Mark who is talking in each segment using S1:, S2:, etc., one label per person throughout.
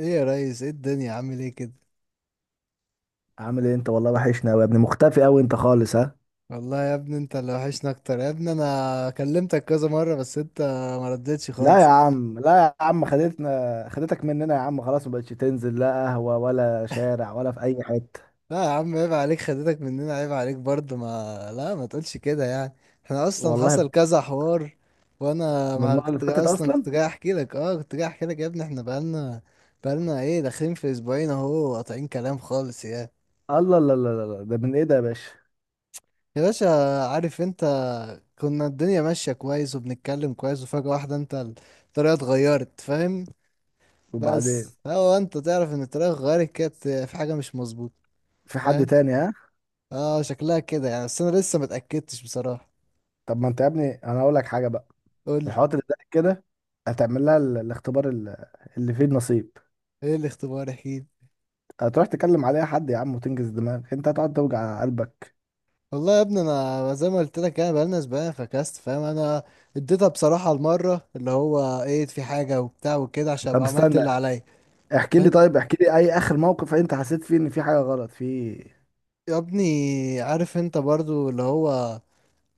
S1: ايه يا ريس، ايه الدنيا، عامل ايه كده؟
S2: عامل ايه انت؟ والله وحشنا قوي يا ابني، مختفي قوي انت خالص، ها.
S1: والله يا ابني انت اللي وحشنا اكتر يا ابني. انا كلمتك كذا مره، بس انت ما ردتش
S2: لا يا
S1: خالص.
S2: عم لا يا عم خدتنا، خدتك مننا يا عم، خلاص ما بقتش تنزل لا قهوة ولا شارع ولا في اي حتة.
S1: لا يا عم عيب عليك، خدتك مننا، عيب عليك برضه. ما لا ما تقولش كده يعني. احنا اصلا
S2: والله
S1: حصل كذا حوار. وانا
S2: من
S1: ما
S2: المرة اللي
S1: كنت جا-
S2: فاتت
S1: اصلا
S2: اصلا.
S1: كنت جاي احكي لك، يا ابني. احنا بقالنا ايه، داخلين في اسبوعين اهو، قاطعين كلام خالص، يا
S2: الله، لا لا لا لا، ده من ايه ده يا باشا؟
S1: يا باشا، عارف انت، كنا الدنيا ماشيه كويس وبنتكلم كويس، وفجاه واحده انت الطريقه اتغيرت. فاهم؟
S2: وبعدين،
S1: بس هو انت تعرف ان الطريقه اتغيرت كانت في حاجه مش مظبوطه.
S2: في حد
S1: فاهم؟
S2: تاني؟ ها.
S1: اه شكلها كده يعني، بس انا لسه ما اتاكدتش بصراحه.
S2: طب ما انت يا ابني، انا هقول لك حاجة بقى،
S1: قول
S2: في
S1: لي،
S2: الحوارات اللي زي كده هتعمل لها الاختبار اللي فيه النصيب.
S1: ايه الاختبار، احكيلي.
S2: هتروح تكلم عليها حد يا عم وتنجز دماغك، انت هتقعد توجع قلبك.
S1: والله يا ابني انا زي ما قلت لك، انا بقالنا اسبوعين فكست، فاهم؟ انا اديتها بصراحه المره اللي هو ايه، في حاجه وبتاع وكده، عشان
S2: طب
S1: ابقى عملت اللي
S2: استنى،
S1: عليا.
S2: احكي لي
S1: فاهم؟
S2: طيب احكي لي اي اخر موقف انت حسيت فيه ان في حاجه غلط في،
S1: يا ابني عارف انت برضو اللي هو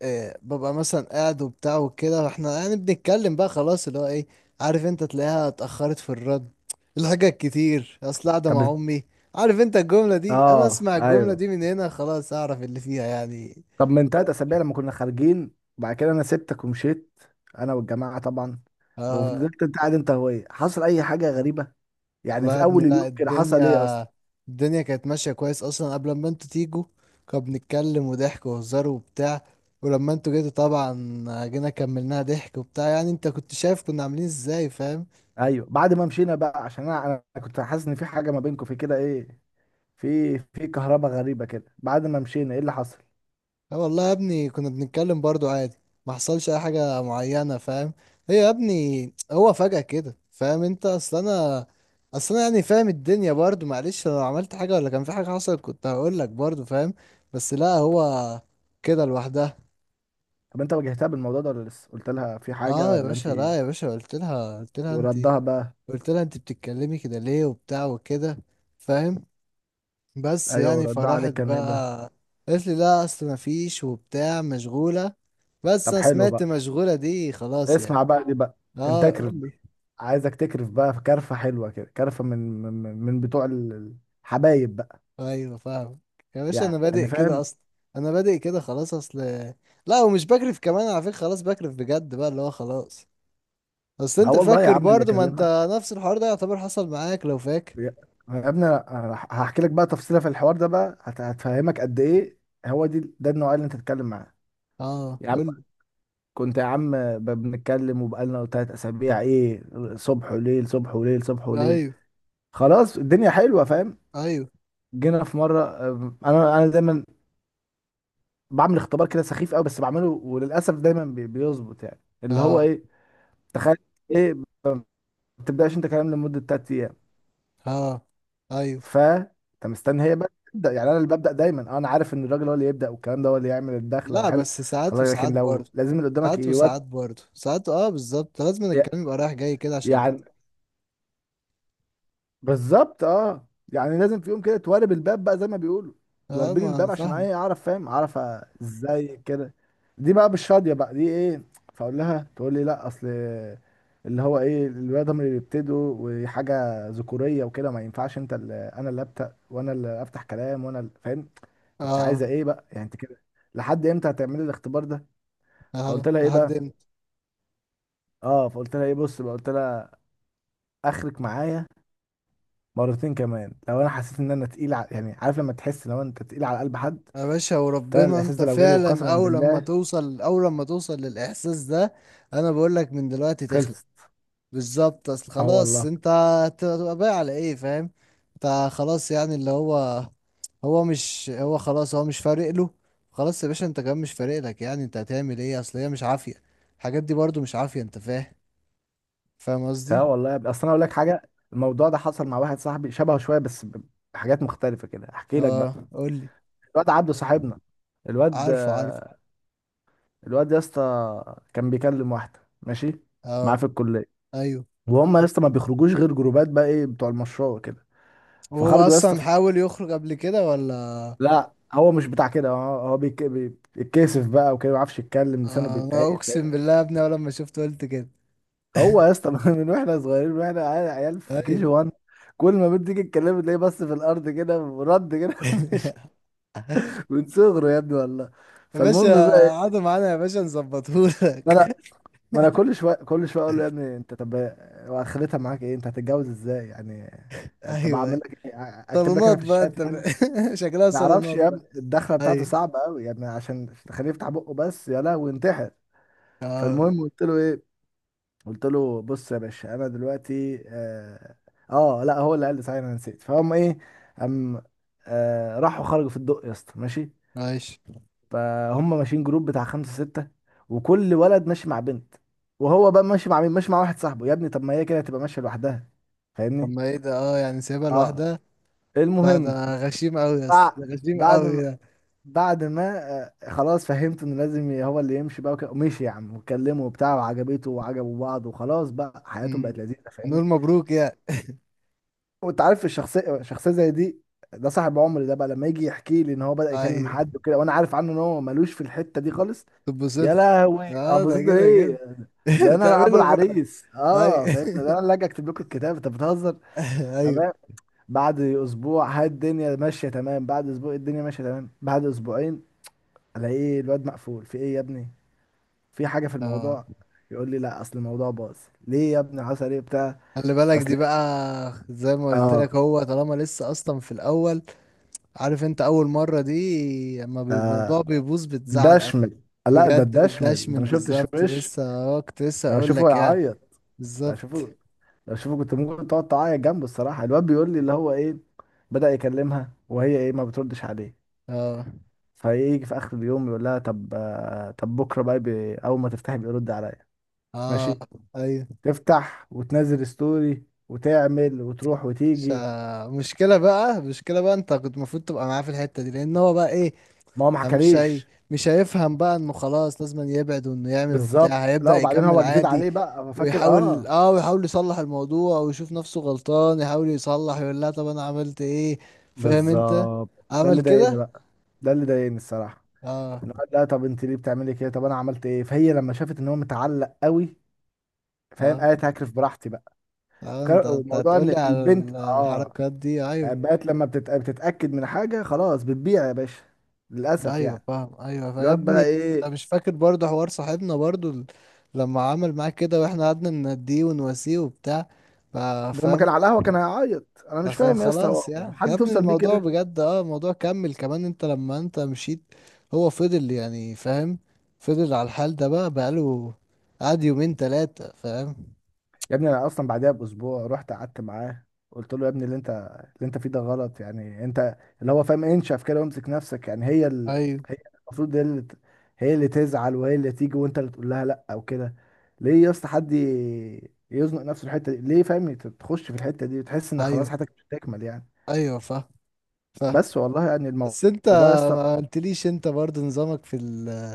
S1: إيه، ببقى مثلا قاعد وبتاع وكده، واحنا يعني بنتكلم بقى، خلاص اللي هو ايه، عارف انت، تلاقيها اتأخرت في الرد، الحاجات كتير، اصل قاعدة
S2: طب.
S1: مع امي. عارف انت الجملة دي، انا
S2: اه
S1: اسمع الجملة
S2: ايوه،
S1: دي من هنا خلاص اعرف اللي فيها يعني.
S2: طب من تلات اسابيع لما كنا خارجين، وبعد كده انا سبتك ومشيت، انا والجماعه طبعا،
S1: اه
S2: وفضلت انت قاعد انت وهي، حصل اي حاجه غريبه؟ يعني
S1: والله يا
S2: في
S1: ابني،
S2: اول
S1: لا،
S2: اليوم كده حصل ايه اصلا؟
S1: الدنيا كانت ماشية كويس اصلا قبل ما انتوا تيجوا. كنا بنتكلم وضحك وهزار وبتاع. ولما انتوا جيتوا طبعا، جينا كملناها ضحك وبتاع، يعني انت كنت شايف كنا عاملين ازاي. فاهم؟
S2: ايوه، بعد ما مشينا بقى، عشان انا كنت حاسس ان في حاجه ما بينكم في كده، ايه؟ في كهرباء غريبه كده بعد ما مشينا، ايه اللي حصل؟
S1: اه والله يا ابني، كنا بنتكلم برضو عادي، ما حصلش اي حاجة معينة. فاهم؟ هي يا ابني هو فجأة كده، فاهم انت، اصل انا يعني فاهم الدنيا برضو، معلش لو عملت حاجة ولا كان في حاجة حصلت كنت هقول لك برضو. فاهم؟ بس لا، هو كده لوحدها.
S2: طب انت واجهتها بالموضوع ده ولا لسه؟ قلت لها في حاجه
S1: اه يا
S2: ولا
S1: باشا
S2: انت ايه؟
S1: لا يا باشا، قلت لها انت،
S2: وردها بقى؟
S1: قلت لها انت بتتكلمي كده ليه، وبتاع وكده. فاهم؟ بس
S2: ايوه،
S1: يعني
S2: وردها
S1: فراحت
S2: عليك كان إيه بقى؟
S1: بقى قالت لي لا اصل ما فيش وبتاع، مشغولة. بس
S2: طب
S1: انا
S2: حلو
S1: سمعت
S2: بقى،
S1: مشغولة دي خلاص يعني.
S2: اسمع بقى دي بقى، انت
S1: اه قول
S2: اكرف بقى،
S1: لي.
S2: عايزك تكرف بقى، في كرفه حلوه كده، كرفه من بتوع الحبايب بقى،
S1: ايوه فاهم. يا باشا انا
S2: يعني
S1: بادئ كده
S2: فاهم.
S1: اصلا، انا بادئ كده خلاص. اصل لا، ومش بكرف كمان على فكرة، خلاص بكرف بجد بقى اللي هو خلاص. اصل
S2: اه
S1: انت
S2: والله يا
S1: فاكر
S2: عم اللي
S1: برضو، ما
S2: يكلمك.
S1: انت نفس الحوار ده يعتبر حصل معاك لو فاكر.
S2: يا يا ابني، أنا هحكي لك بقى تفصيله في الحوار ده بقى، هتفهمك قد ايه هو دي، ده النوع اللي انت تتكلم معاه.
S1: اه
S2: يا عم،
S1: قول لي.
S2: كنت يا عم بنتكلم وبقالنا تلات اسابيع ايه، صبح وليل، صبح وليل، صبح وليل،
S1: ايوه،
S2: خلاص الدنيا حلوه، فاهم.
S1: ايوه.
S2: جينا في مره، انا دايما بعمل اختبار كده سخيف قوي، بس بعمله وللاسف دايما بيظبط، يعني اللي هو
S1: اه.
S2: ايه، تخيل، ايه ما بتبداش انت كلام لمده 3 ايام،
S1: اه ايوه.
S2: ف انت مستني هي بقى تبدا، يعني انا اللي ببدا دايما. انا عارف ان الراجل هو اللي يبدا، والكلام ده هو اللي يعمل الدخله
S1: لا
S2: وحلو
S1: بس ساعات
S2: خلاص،
S1: وساعات
S2: لكن لو
S1: برضو.
S2: لازم اللي قدامك
S1: ساعات
S2: يود
S1: وساعات برضه ساعات، اه بالظبط، لازم الكلام يبقى رايح جاي كده عشان ده.
S2: يعني. بالظبط، اه، يعني لازم في يوم كده توارب الباب بقى زي ما بيقولوا،
S1: اه
S2: توربلي
S1: ما انا
S2: الباب عشان
S1: فاهم.
S2: ايه؟ اعرف، فاهم؟ اعرف ازاي كده، دي بقى بالشاديه بقى دي، ايه. فاقول لها، تقول لي لا اصل اللي هو ايه، الولاد هم اللي بيبتدوا وحاجه ذكوريه وكده، ما ينفعش انت اللي انا اللي ابدا وانا اللي افتح كلام وانا اللي، فاهم. انت
S1: اه.
S2: عايزه ايه بقى يعني انت كده؟ لحد امتى هتعملي الاختبار ده؟
S1: اه
S2: فقلت لها ايه
S1: لحد
S2: بقى،
S1: امتى.
S2: اه، فقلت لها ايه، بص بقى، قلت لها اخرك معايا مرتين كمان، لو انا حسيت ان انا تقيل ع... يعني عارف لما تحس لو انت تقيل على قلب حد،
S1: يا باشا
S2: ده انا
S1: وربنا
S2: الاحساس
S1: انت
S2: ده لو جالي
S1: فعلا،
S2: وقسما
S1: اول لما
S2: بالله
S1: توصل اول لما توصل للاحساس ده، انا بقول لك من دلوقتي تخلق.
S2: خلصت.
S1: بالظبط، اصل
S2: اه
S1: خلاص
S2: والله.
S1: انت هتبقى باقي على ايه؟ فاهم؟ انت خلاص يعني اللي هو، هو مش هو خلاص هو مش فارق له. خلاص يا باشا، انت كمان مش فارق لك، يعني انت هتعمل ايه؟ اصل هي مش عافية، الحاجات دي برضو مش عافية، انت فاهم؟ فاهم قصدي؟
S2: اه والله يا ابني. اصل انا اقول لك حاجه، الموضوع ده حصل مع واحد صاحبي، شبهه شويه بس بحاجات مختلفه كده، احكي لك بقى.
S1: اه قول لي.
S2: الواد عبده صاحبنا، الواد
S1: عارفه، عارفه.
S2: الواد يا اسطى كان بيكلم واحده ماشي معاه
S1: اه
S2: في الكليه،
S1: ايوه.
S2: وهم يا اسطى ما بيخرجوش غير جروبات بقى، ايه، بتوع المشروع وكده،
S1: وهو
S2: فخرجوا يا اسطى.
S1: اصلا حاول يخرج قبل كده ولا؟
S2: لا، هو مش بتاع كده، هو بيتكسف بقى وكده، ما بيعرفش يتكلم، لسانه
S1: آه، انا
S2: بيتعقد،
S1: اقسم
S2: فاهمني.
S1: بالله يا ابني اول لما شفته قلت كده.
S2: هو يا اسطى، من واحنا صغيرين، من واحنا عيال، عيال في كي جي
S1: ايوه.
S2: 1، كل ما بنت تيجي تكلمه تلاقيه بس في الارض كده ورد كده مش من صغره يا ابني والله.
S1: يا باشا،
S2: فالمهم بقى إيه،
S1: قعدوا معانا يا باشا
S2: ما
S1: نظبطهولك.
S2: انا ما انا كل شويه كل شويه اقول له يا ابني انت، طب واخرتها معاك ايه؟ انت هتتجوز ازاي يعني؟ يعني طب
S1: ايوه،
S2: اعمل
S1: أيوة.
S2: لك إيه؟ اكتب لك
S1: صالونات
S2: انا في
S1: بقى انت
S2: الشات يعني؟
S1: شكلها
S2: ما اعرفش
S1: صالونات
S2: يا ابني،
S1: بقى.
S2: الدخله بتاعته
S1: ايوه.
S2: صعبه قوي، يعني عشان تخليه يفتح بقه بس يا لهوي، ينتحر.
S1: اه.
S2: فالمهم قلت له ايه، قلت له بص يا باشا، انا دلوقتي لا، هو اللي قال لي صحيح، انا نسيت، فهم ايه، هم، راحوا خرجوا في الدق يا اسطى ماشي،
S1: ماشي.
S2: فهم ماشيين جروب بتاع خمسة ستة، وكل ولد ماشي مع بنت، وهو بقى ماشي مع مين؟ ماشي مع واحد صاحبه، يا ابني طب ما هي كده هتبقى ماشية لوحدها،
S1: طب
S2: فاهمني.
S1: ما ايه ده، اه يعني سايبها
S2: اه،
S1: لوحدها. لا
S2: المهم،
S1: ده، غشيم قوي يا اسطى،
S2: بع-
S1: ده غشيم
S2: بعد
S1: قوي
S2: ما
S1: ده.
S2: بعد ما خلاص فهمت ان لازم هو اللي يمشي بقى وكده، ومشي يا عم، واتكلموا وبتاع، وعجبته، وعجبوا بعض، وخلاص بقى حياتهم
S1: أمم.
S2: بقت لذيذه،
S1: هنقول
S2: فاهمني.
S1: مبروك يا...
S2: وانت عارف الشخصيه، شخصيه زي دي، ده صاحب عمري، ده بقى لما يجي يحكي لي ان هو بدأ يكلم
S1: ايوه.
S2: حد وكده، وانا عارف عنه ان هو ملوش في الحته دي خالص،
S1: تتبسط
S2: يا لهوي
S1: له. اه ده
S2: ابوظت له
S1: كده كده.
S2: ايه، ده انا ابو
S1: تعمله بره.
S2: العريس،
S1: اي.
S2: اه فاهم، ده انا اللي اجي اكتب لكم الكتاب، انت بتهزر.
S1: ايوه.
S2: تمام، بعد اسبوع هاي الدنيا ماشيه تمام، بعد اسبوع الدنيا ماشيه تمام، بعد اسبوعين الاقي الواد مقفول في ايه يا ابني، في حاجه في
S1: اه.
S2: الموضوع. يقول لي لا، اصل الموضوع باظ. ليه يا ابني حصل ايه بتاع؟
S1: خلي بالك
S2: اصل،
S1: دي بقى، زي ما قلت لك،
S2: اه،
S1: هو طالما لسه اصلا في الاول. عارف انت، اول مره دي اما بيبقى الموضوع
S2: ده
S1: بيبوظ
S2: ده
S1: بتزعل قوي.
S2: شمل لا ده
S1: بجد
S2: ده شمل انت
S1: بتدشمل،
S2: ما شفتش
S1: بالظبط،
S2: وش،
S1: لسه، كنت لسه
S2: انا
S1: اقول
S2: بشوفه
S1: لك يعني.
S2: يعيط، انا
S1: بالظبط.
S2: بشوفه، لو شوفه كنت ممكن تقعد تعيط جنبه الصراحه. الواد بيقول لي اللي هو ايه، بدأ يكلمها وهي ايه، ما بتردش عليه،
S1: اه.
S2: فيجي في اخر اليوم يقول لها طب، طب بكره بقى اول ما تفتحي بيرد عليا
S1: اه
S2: ماشي،
S1: ايوه.
S2: تفتح وتنزل ستوري وتعمل وتروح
S1: مش،
S2: وتيجي.
S1: مشكله بقى، مشكله بقى انت كنت المفروض تبقى معاه في الحته دي، لان هو بقى ايه.
S2: ما هو ما
S1: مش هي...
S2: حكاليش.
S1: مش هيفهم بقى انه خلاص لازم يبعد، وانه يعمل وبتاع،
S2: بالظبط، لا
S1: هيبدأ
S2: وبعدين
S1: يكمل
S2: هو جديد
S1: عادي.
S2: عليه بقى، هو فاكر، اه.
S1: ويحاول يصلح الموضوع، ويشوف نفسه غلطان، يحاول يصلح، يقول لا طب انا عملت ايه. فاهم انت؟
S2: بالظبط، ده
S1: عمل
S2: اللي ضايقني
S1: كده.
S2: بقى، ده اللي ضايقني الصراحه،
S1: اه.
S2: ان هو قال لا طب انت ليه بتعملي كده؟ طب انا عملت ايه؟ فهي لما شافت ان هو متعلق قوي، فاهم،
S1: اه.
S2: قالت هكرف براحتي بقى.
S1: اه انت انت
S2: وموضوع
S1: هتقول
S2: ان
S1: لي على
S2: البنت، اه،
S1: الحركات دي.
S2: يعني
S1: ايوه.
S2: بقت لما بتتاكد من حاجه خلاص بتبيع يا باشا، للاسف
S1: ايوه
S2: يعني.
S1: فاهم. ايوه يا
S2: الواد
S1: ابني،
S2: بقى
S1: انت
S2: ايه،
S1: مش فاكر برضه حوار صاحبنا برضه لما عمل معاك كده، واحنا قعدنا نناديه ونواسيه وبتاع.
S2: ده لما
S1: فاهم؟
S2: كان على القهوه كان هيعيط، انا مش
S1: عشان
S2: فاهم يا اسطى، هو
S1: خلاص
S2: هو
S1: يعني يا
S2: حد
S1: ابني،
S2: توصل بيه
S1: الموضوع
S2: كده؟
S1: بجد، اه الموضوع كمل كمان انت لما انت مشيت. هو فضل يعني، فاهم، فضل على الحال ده بقى، بقاله قعد يومين تلاتة. فاهم؟
S2: يا ابني انا اصلا بعدها باسبوع رحت قعدت معاه، قلت له يا ابني، اللي انت فيه ده غلط يعني، انت اللي هو فاهم انشف كده، وامسك نفسك، يعني هي اللي،
S1: ايوه.
S2: هي المفروض هي اللي تزعل، وهي اللي تيجي، وانت اللي تقول لها لا او كده. ليه يا اسطى حد يزنق نفسه الحته دي ليه؟ فاهم، تخش في الحته دي وتحس ان خلاص
S1: ايوه.
S2: حياتك مش هتكمل يعني.
S1: ايوه فاهم. فاهم.
S2: بس والله يعني الموضوع،
S1: بس انت
S2: يا اسطى،
S1: ما قلتليش انت برضه نظامك في ال،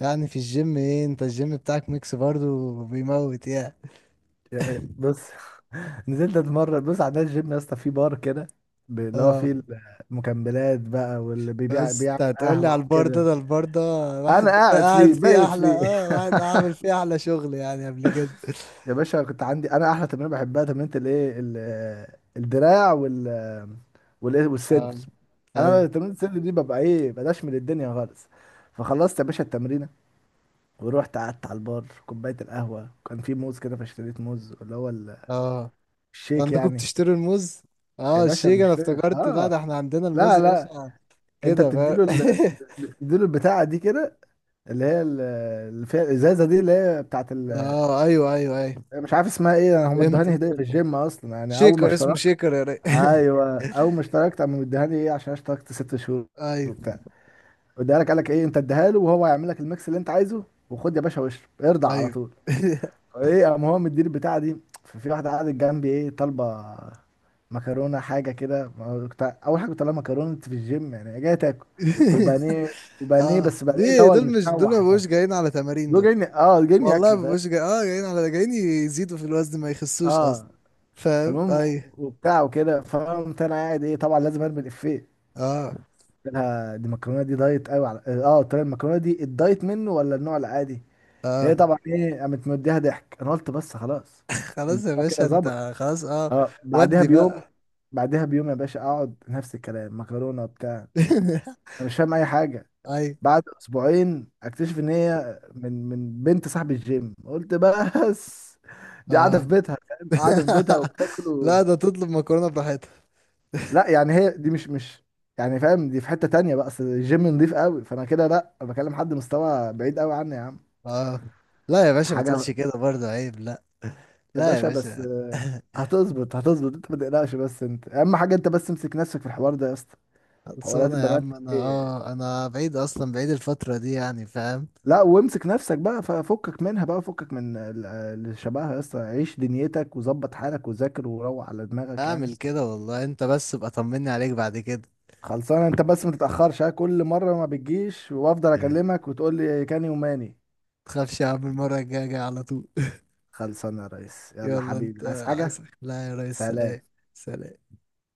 S1: يعني في الجيم، ايه، انت الجيم بتاعك ميكس برضه بيموت يعني.
S2: يعني بص، نزلت اتمرن، بص عندنا الجيم يا اسطى فيه بار كده، اللي هو
S1: اه.
S2: فيه المكملات بقى، واللي بيبيع
S1: بس
S2: بيعمل
S1: انت هتقولي
S2: قهوة
S1: على البار ده
S2: وكده،
S1: ده البار ده
S2: انا
S1: واحد كان
S2: قاعد
S1: قاعد
S2: فيه،
S1: فيه
S2: بايت
S1: احلى،
S2: فيه.
S1: اه واحد عامل فيه احلى شغل يعني قبل كده.
S2: يا باشا، كنت عندي انا احلى تمرين بحبها، تمرينة الايه، الدراع، وال، والايه، والصدر.
S1: اه.
S2: انا بقى
S1: ايوه.
S2: تمرينة الصدر دي ببقى ايه، بلاش من الدنيا خالص. فخلصت يا باشا التمرينة، ورحت قعدت على البار، كوباية القهوة، كان في موز كده، فاشتريت موز اللي هو
S1: اه.
S2: الشيك
S1: عندكم
S2: يعني.
S1: بتشتروا الموز؟
S2: يا
S1: اه
S2: باشا
S1: الشيك، انا
S2: بنشتري
S1: افتكرت لا، ده
S2: اه،
S1: احنا عندنا الموز
S2: لا
S1: يا
S2: لا،
S1: باشا.
S2: انت
S1: كده فاهم.
S2: بتديله ال... بتديله البتاعه دي كده، اللي هي اللي فيها الازازه دي، اللي هي بتاعت ال...
S1: اه ايوه، ايوه، ايوه.
S2: مش عارف اسمها ايه، هم ادوهاني
S1: فهمتك،
S2: هديه في
S1: فهمتك.
S2: الجيم اصلا، يعني اول ما
S1: شيكر، اسمه
S2: اشتركت.
S1: شيكر يا ري...
S2: ايوه، اول ما اشتركت قاموا مديهاني ايه، عشان اشتركت ست شهور
S1: ايوه.
S2: وبتاع، اديها لك، قال لك ايه، انت اديها له وهو هيعمل لك الميكس اللي انت عايزه، وخد يا باشا واشرب، ارضع على
S1: ايوه.
S2: طول. ايه، قام هو مديني البتاعه دي، ففي واحده قعدت جنبي ايه، طالبه مكرونه، حاجه كده، ما اول حاجه كنت طالع مكرونه في الجيم، يعني جاي تاكل، وبانيه وبانيه،
S1: اه
S2: بس بانيه اللي
S1: دي
S2: هو
S1: دول، مش دول ما
S2: المتشوح ده.
S1: بقوش جايين على تمارين
S2: دول
S1: دول.
S2: جايين اه، جايين
S1: والله
S2: ياكلوا،
S1: ما
S2: فاهم.
S1: بقوش جاي، جايين على جايين يزيدوا في الوزن ما يخسوش اصلا.
S2: اه.
S1: فاهم؟
S2: فالمهم
S1: ايوه.
S2: وبتاع وكده، فقمت انا قاعد ايه، طبعا لازم ارمي الافيه،
S1: اه.
S2: قلت لها دي المكرونه دي دايت قوي على، اه، قلت لها المكرونه دي الدايت منه ولا النوع العادي؟ هي
S1: اه.
S2: طبعا ايه قامت مديها ضحك، انا قلت بس خلاص،
S1: خلاص يا
S2: الموضوع كده
S1: باشا،
S2: ظبط.
S1: انت خلاص اه.
S2: اه، بعدها
S1: ودي
S2: بيوم،
S1: بقى.
S2: بعدها بيوم يا باشا اقعد نفس الكلام، مكرونه بتاع. انا مش فاهم اي حاجه.
S1: ايوه.
S2: بعد اسبوعين اكتشف ان هي من بنت صاحب الجيم، قلت بس، دي قاعده في
S1: اه.
S2: بيتها، فاهم، قاعده في بيتها وبتاكل
S1: لا
S2: و...
S1: ده تطلب مكرونة براحتها.
S2: لا، يعني هي دي مش، يعني فاهم، دي في حته تانية بقى، اصل الجيم نضيف قوي، فانا كده لا، أنا بكلم حد مستوى بعيد قوي عني يا عم،
S1: اه. لا يا باشا، ما تقولش
S2: حاجه.
S1: كده برضه عيب، لا.
S2: يا
S1: لا يا
S2: باشا بس،
S1: باشا.
S2: هتظبط، هتظبط، انت ما تقلقش، بس انت اهم حاجه انت بس امسك نفسك في الحوار ده يا اسطى، حوارات
S1: خلصانة يا
S2: البنات
S1: عم،
S2: دي،
S1: انا بعيد اصلا، بعيد الفترة دي يعني. فاهم؟
S2: لا، وامسك نفسك بقى، ففكك منها بقى، فكك من اللي شبهها يا اسطى، عيش دنيتك وظبط حالك وذاكر وروح على دماغك يعني.
S1: اعمل كده والله، انت بس ابقى طمني عليك بعد كده.
S2: خلصانه، انت بس ما تتاخرش ها، كل مره ما بتجيش وافضل اكلمك وتقول لي كان يوماني.
S1: تخافش يا عم، المرة الجاية جاي على طول.
S2: خلصانه يا ريس، يلا
S1: يلا
S2: حبيبي،
S1: انت.
S2: عايز حاجه؟
S1: عايز؟ لا يا ريس،
S2: سلام.
S1: سلام. سلام.